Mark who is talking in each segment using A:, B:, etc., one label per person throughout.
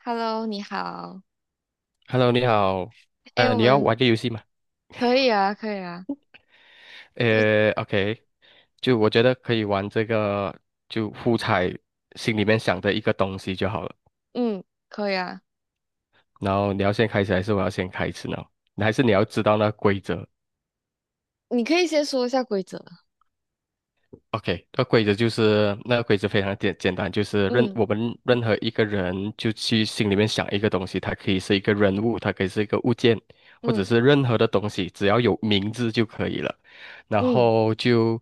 A: Hello，你好。
B: Hello，你好。
A: 哎，我
B: 你要
A: 们
B: 玩个游戏吗？
A: 可以啊，可以啊，这
B: OK，就我觉得可以玩这个，就互猜心里面想的一个东西就好了。
A: 嗯，可以啊。
B: 然后你要先开始，还是我要先开始呢？还是你要知道那规则？
A: 你可以先说一下规则。
B: OK，那规则就是那个规则非常简单，就是任
A: 嗯
B: 我们任何一个人就去心里面想一个东西，它可以是一个人物，它可以是一个物件，或者
A: 嗯
B: 是任何的东西，只要有名字就可以了。然
A: 嗯，
B: 后就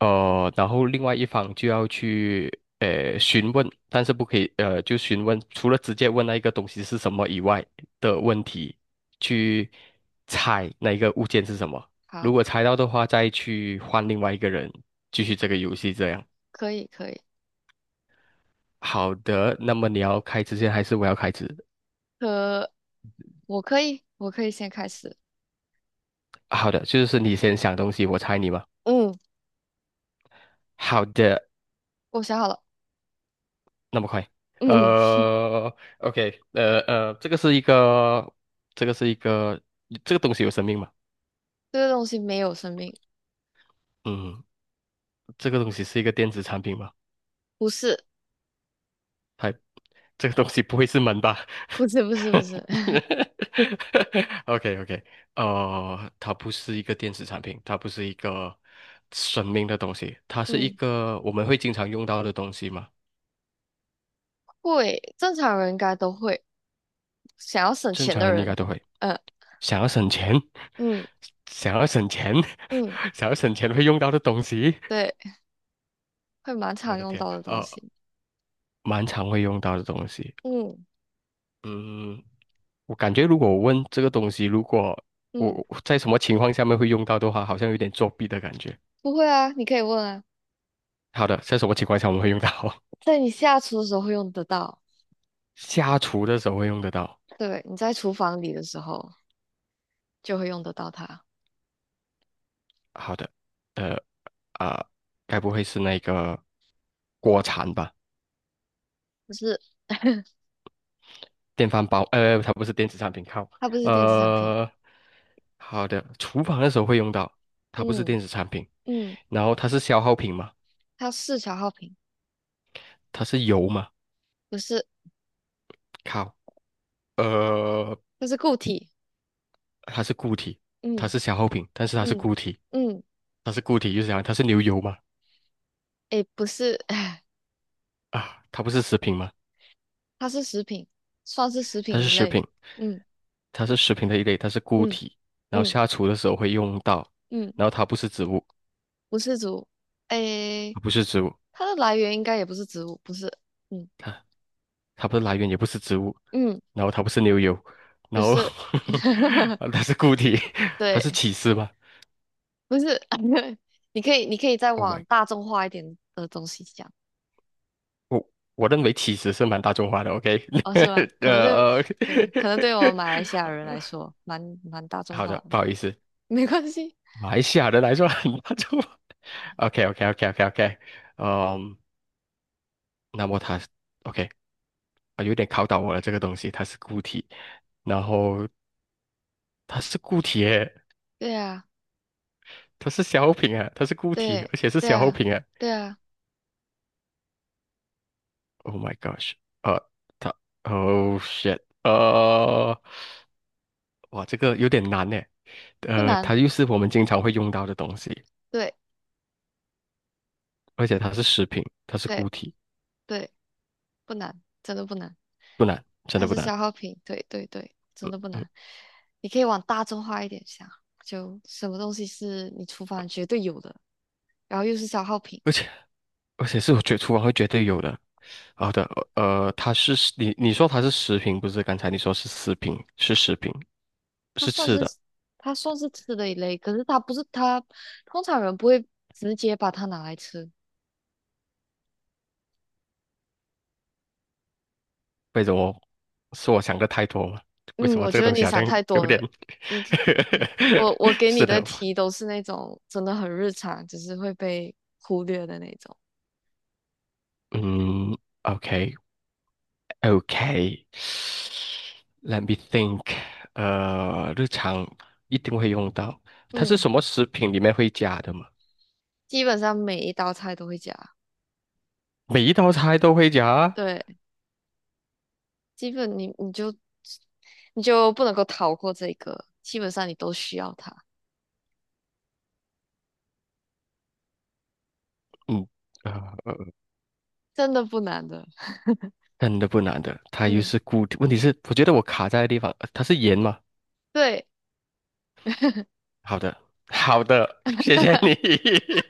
B: 然后另外一方就要去询问，但是不可以就询问，除了直接问那一个东西是什么以外的问题，去猜那一个物件是什么。如
A: 好，
B: 果猜到的话，再去换另外一个人。继续这个游戏这样。
A: 可以可以。
B: 好的，那么你要开之前还是我要开始？
A: 可我可以，我可以先开始。
B: 好的，就是你先想东西，我猜你嘛。
A: 嗯，
B: 好的，
A: 我想好了。
B: 那么快。
A: 嗯，
B: 呃，OK，这个是一个，这个是一个，这个东西有生命吗？
A: 这个东西没有生命，
B: 嗯，这个东西是一个电子产品吗？
A: 不是，
B: 还。这个东西不会是门吧
A: 不是，不是，不是。
B: ？OK OK，它不是一个电子产品，它不是一个生命的东西，它是一
A: 嗯，
B: 个我们会经常用到的东西嘛？
A: 会，正常人应该都会。想要省
B: 正
A: 钱
B: 常
A: 的
B: 人应该
A: 人，
B: 都会。
A: 嗯
B: 想要省钱，
A: 嗯
B: 想要省钱，
A: 嗯，
B: 想要省钱会用到的东西，
A: 对，会蛮
B: 我
A: 常
B: 的
A: 用
B: 天，
A: 到的东西。
B: 蛮常会用到的东西。
A: 嗯
B: 嗯，我感觉如果我问这个东西，如果我
A: 嗯，
B: 我在什么情况下面会用到的话，好像有点作弊的感觉。
A: 不会啊，你可以问啊。
B: 好的，在什么情况下我们会用到？
A: 在你下厨的时候会用得到，
B: 下厨的时候会用得到。
A: 对，你在厨房里的时候就会用得到它。
B: 好的，呃啊、该不会是那个锅铲吧？
A: 不是，
B: 电饭煲？它不是电子产品，靠。
A: 它不是电子产品，
B: 呃，好的，厨房的时候会用到，它不是
A: 嗯
B: 电子产品。
A: 嗯，
B: 然后它是消耗品嘛？
A: 它是消耗品，
B: 它是油嘛？
A: 不是，
B: 靠，呃，
A: 它是固体，
B: 它是固体，它
A: 嗯
B: 是消耗品，但是它是
A: 嗯
B: 固体，
A: 嗯，
B: 它是固体，就是讲它是牛油嘛？
A: 诶，不是，
B: 啊，它不是食品嘛？
A: 它是食品，算是食
B: 它
A: 品
B: 是
A: 一
B: 食
A: 类，
B: 品，
A: 嗯
B: 它是食品的一类，它是固
A: 嗯
B: 体，然后
A: 嗯
B: 下厨的时候会用到，
A: 嗯，
B: 然后它不是植物，
A: 不是植物，诶，
B: 它不是植物，
A: 它的来源应该也不是植物，不是，嗯
B: 它它不是来源，也不是植物，
A: 嗯，
B: 然后它不是牛油，然
A: 不
B: 后
A: 是，
B: 它是固体，它
A: 对，
B: 是起司吧
A: 不是，你可以，你可以再
B: ？Oh
A: 往
B: my，
A: 大众化一点的东西想。
B: 我认为起司是蛮大众化的，OK，
A: 哦，是吗？可能对，
B: 呃呃，
A: 对，可能对我们马来西亚人来说，蛮大 众
B: 好
A: 化
B: 的，
A: 的，
B: 不好意思，
A: 没关系。
B: 马来西亚人来说很大众化，OK OK OK OK OK，嗯，那么它 OK。啊，有点考倒我了。这个东西它是固体，然后它是固体耶，
A: 对啊，
B: 它是消耗品啊，它是固体，
A: 对，
B: 而且是
A: 对
B: 消耗
A: 啊，
B: 品啊。
A: 对啊，
B: Oh my gosh，呃，它，Oh shit，哇，这个有点难呢。
A: 不难，
B: 它又是我们经常会用到的东西，
A: 对，
B: 而且它是食品，它是
A: 对，
B: 固体，
A: 对，不难，真的不难。
B: 不难，真
A: 它
B: 的不
A: 是
B: 难。
A: 消耗品，对，对，对，真的不
B: 嗯，
A: 难。你可以往大众化一点想，就什么东西是你厨房绝对有的，然后又是消耗品。
B: 而且而且是我觉得厨房会绝对有的。好的，它是食你说它是食品，不是？刚才你说是食品，是食品，
A: 它
B: 是
A: 算是
B: 吃的。
A: 它算是吃的一类，可是它不是它，通常人不会直接把它拿来吃。
B: 为什么是我想的太多了？为
A: 嗯，
B: 什么
A: 我
B: 这
A: 觉
B: 个
A: 得
B: 东
A: 你
B: 西好像
A: 想太多
B: 有点
A: 了。你可，嗯我我 给你
B: 是
A: 的
B: 的，
A: 题都是那种真的很日常，只是会被忽略的那种。
B: 嗯，OK，OK，Let me think，日常一定会用到，它是
A: 嗯，
B: 什么食品里面会加的吗？
A: 基本上每一道菜都会加。
B: 每一道菜都会加啊
A: 对，基本你你就你就不能够逃过这个，基本上你都需要它，
B: 嗯，呃，
A: 真的不难的。
B: 真的不难的，它又
A: 嗯，
B: 是固体，问题是我觉得我卡在的地方，它是盐吗？
A: 对。
B: 好的，好的，谢谢你。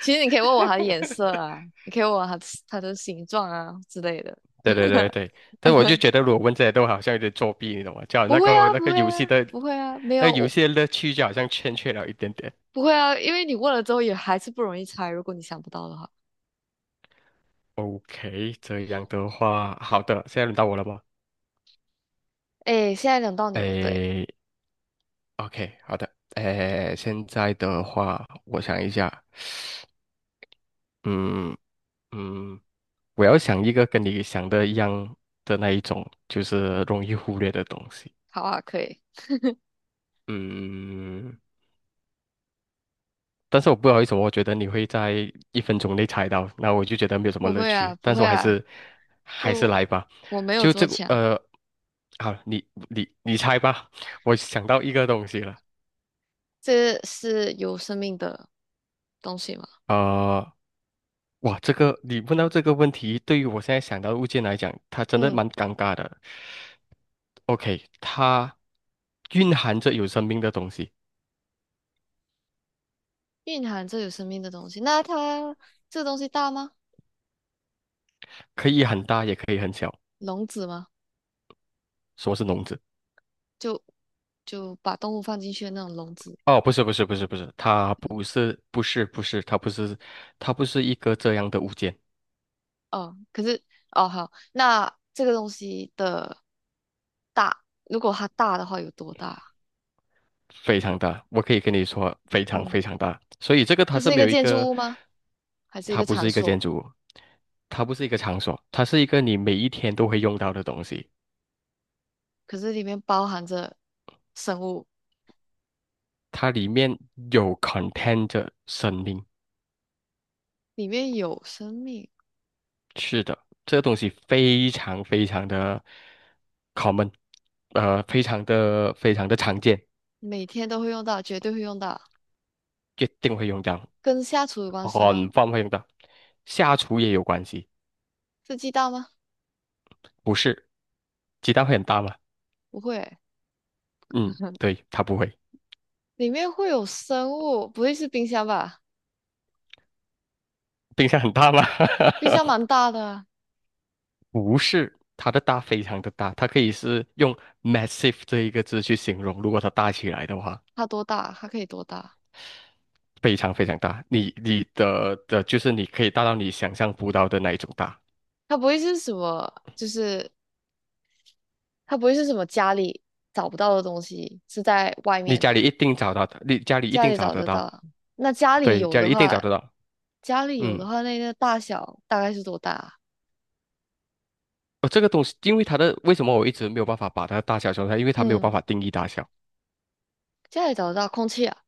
A: 其实你可以问我它的颜色啊，你可以问我它它的形状啊之类的。
B: 对对对 对，但我就觉得，如果问这些都好像有点作弊，你懂吗？叫
A: 不
B: 那
A: 会
B: 个
A: 啊，
B: 那
A: 不
B: 个
A: 会
B: 游
A: 啊，
B: 戏的，
A: 不会啊，没
B: 那个
A: 有，
B: 游
A: 我
B: 戏的乐趣就好像欠缺了一点点。
A: 不会啊，因为你问了之后也还是不容易猜，如果你想不到的话。
B: OK，这样的话，好的，现在轮到我了吗？
A: 哎，现在轮到你了，对，
B: 诶，OK，好的，诶，现在的话，我想一下，嗯嗯，我要想一个跟你想的一样的那一种，就是容易忽略的东西。
A: 好啊，可以。
B: 嗯，但是我不好意思，我觉得你会在一分钟内猜到，那我就觉得没有什么
A: 不
B: 乐
A: 会啊，
B: 趣。
A: 不
B: 但是
A: 会
B: 我还
A: 啊，
B: 是
A: 不，
B: 来吧，
A: 我没有
B: 就
A: 这
B: 这
A: 么
B: 个
A: 强。
B: 好，你猜吧，我想到一个东西了，
A: 这是有生命的东西吗？
B: 呃，哇，这个你问到这个问题，对于我现在想到的物件来讲，它真的
A: 嗯，
B: 蛮尴尬的。OK，它蕴含着有生命的东西，
A: 蕴含着有生命的东西。那它这个东西大吗？
B: 可以很大，也可以很小。
A: 笼子吗？
B: 说是笼子？
A: 就就把动物放进去的那种笼子。
B: 哦，不是，它不是一个这样的物件，
A: 哦，可是哦好，那这个东西的大，如果它大的话有多大？
B: 非常大，我可以跟你说非常
A: 嗯，
B: 非常大，所以这个它
A: 它
B: 是
A: 是一
B: 没
A: 个
B: 有一
A: 建
B: 个，
A: 筑物吗？还是一
B: 它
A: 个
B: 不
A: 场
B: 是一个
A: 所？
B: 建筑物，它不是一个场所，它是一个你每一天都会用到的东西，
A: 可是里面包含着生物，
B: 它里面有 contain 着生命，
A: 里面有生命，
B: 是的，这个东西非常非常的 common，非常的非常的常见，
A: 每天都会用到，绝对会用到。
B: 一定会用到。
A: 跟下厨有关系吗？
B: 很方便的，下厨也有关系，
A: 是鸡蛋吗？
B: 不是？鸡蛋会很大吗？
A: 不会欸。
B: 嗯，对，它不会。
A: 里面会有生物，不会是冰箱吧？
B: 冰箱很大吗？
A: 冰箱蛮 大的啊，
B: 不是，它的大非常的大，它可以是用 massive 这一个字去形容。如果它大起来的话，
A: 它多大？它可以多大？
B: 非常非常大，你你的的就是你可以大到你想象不到的那一种大。
A: 它不会是什么？就是它不会是什么家里找不到的东西，是在外
B: 你
A: 面
B: 家里
A: 的，
B: 一定找到的，你家里一
A: 家
B: 定
A: 里
B: 找
A: 找
B: 得
A: 得到
B: 到，
A: 啊。那家里
B: 对，
A: 有
B: 家
A: 的
B: 里一定
A: 话，
B: 找得到。
A: 家里有
B: 嗯，
A: 的话，那个大小大概是多大啊？
B: 哦，这个东西，因为为什么我一直没有办法把它的大小说出来，因为它没有办
A: 嗯，
B: 法定义大小。
A: 家里找得到空气啊，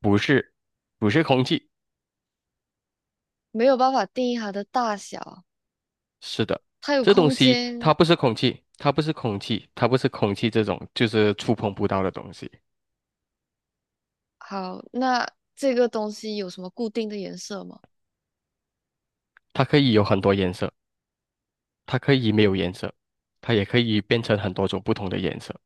B: 不是，不是空气，
A: 没有办法定义它的大小，
B: 是的，
A: 它有
B: 这东
A: 空
B: 西它
A: 间。
B: 不是空气，它不是空气，它不是空气这种就是触碰不到的东西，
A: 好，那这个东西有什么固定的颜色吗？
B: 它可以有很多颜色，它可以没有颜色，它也可以变成很多种不同的颜色。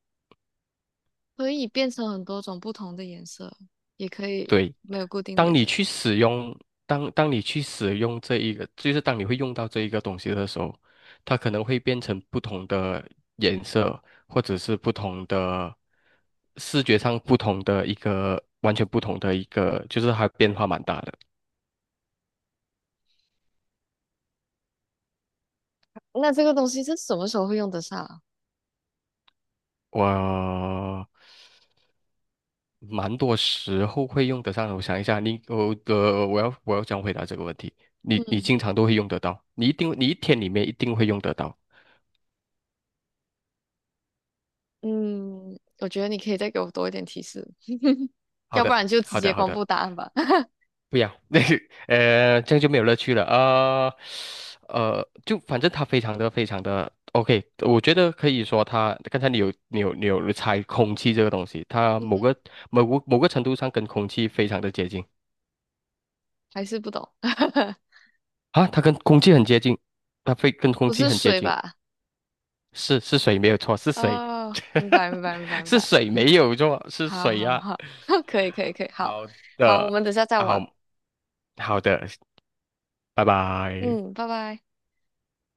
A: 可以变成很多种不同的颜色，也可以
B: 对，
A: 没有固定的
B: 当
A: 颜
B: 你
A: 色。
B: 去使用，当你去使用这一个，就是当你会用到这一个东西的时候，它可能会变成不同的颜色，或者是不同的视觉上不同的一个，完全不同的一个，就是它变化蛮大的。
A: 那这个东西是什么时候会用得上啊？
B: 我蛮多时候会用得上的，我想一下，你我我要怎样回答这个问题？你
A: 嗯
B: 经常都会用得到，你一定你一天里面一定会用得到。
A: 嗯，我觉得你可以再给我多一点提示。
B: 好
A: 要不
B: 的，
A: 然就直
B: 好
A: 接
B: 的，好
A: 公
B: 的。
A: 布答案吧。
B: 不要，那个这样就没有乐趣了。就反正它非常的非常的 OK，我觉得可以说它刚才你有猜空气这个东西，它某个程度上跟空气非常的接近
A: 还是不懂，
B: 啊，它跟空气很接近，它非跟空
A: 不
B: 气
A: 是
B: 很接
A: 水
B: 近，
A: 吧？
B: 是水没有错，是水，
A: 哦，明白，明白，明白，明
B: 是
A: 白。
B: 水没有错，是
A: 好
B: 水
A: 好
B: 呀、啊
A: 好，可以，可以，可以，好，
B: 好
A: 好，我
B: 的，
A: 们等下再
B: 好
A: 玩。
B: 好的，拜拜。
A: 嗯，拜拜。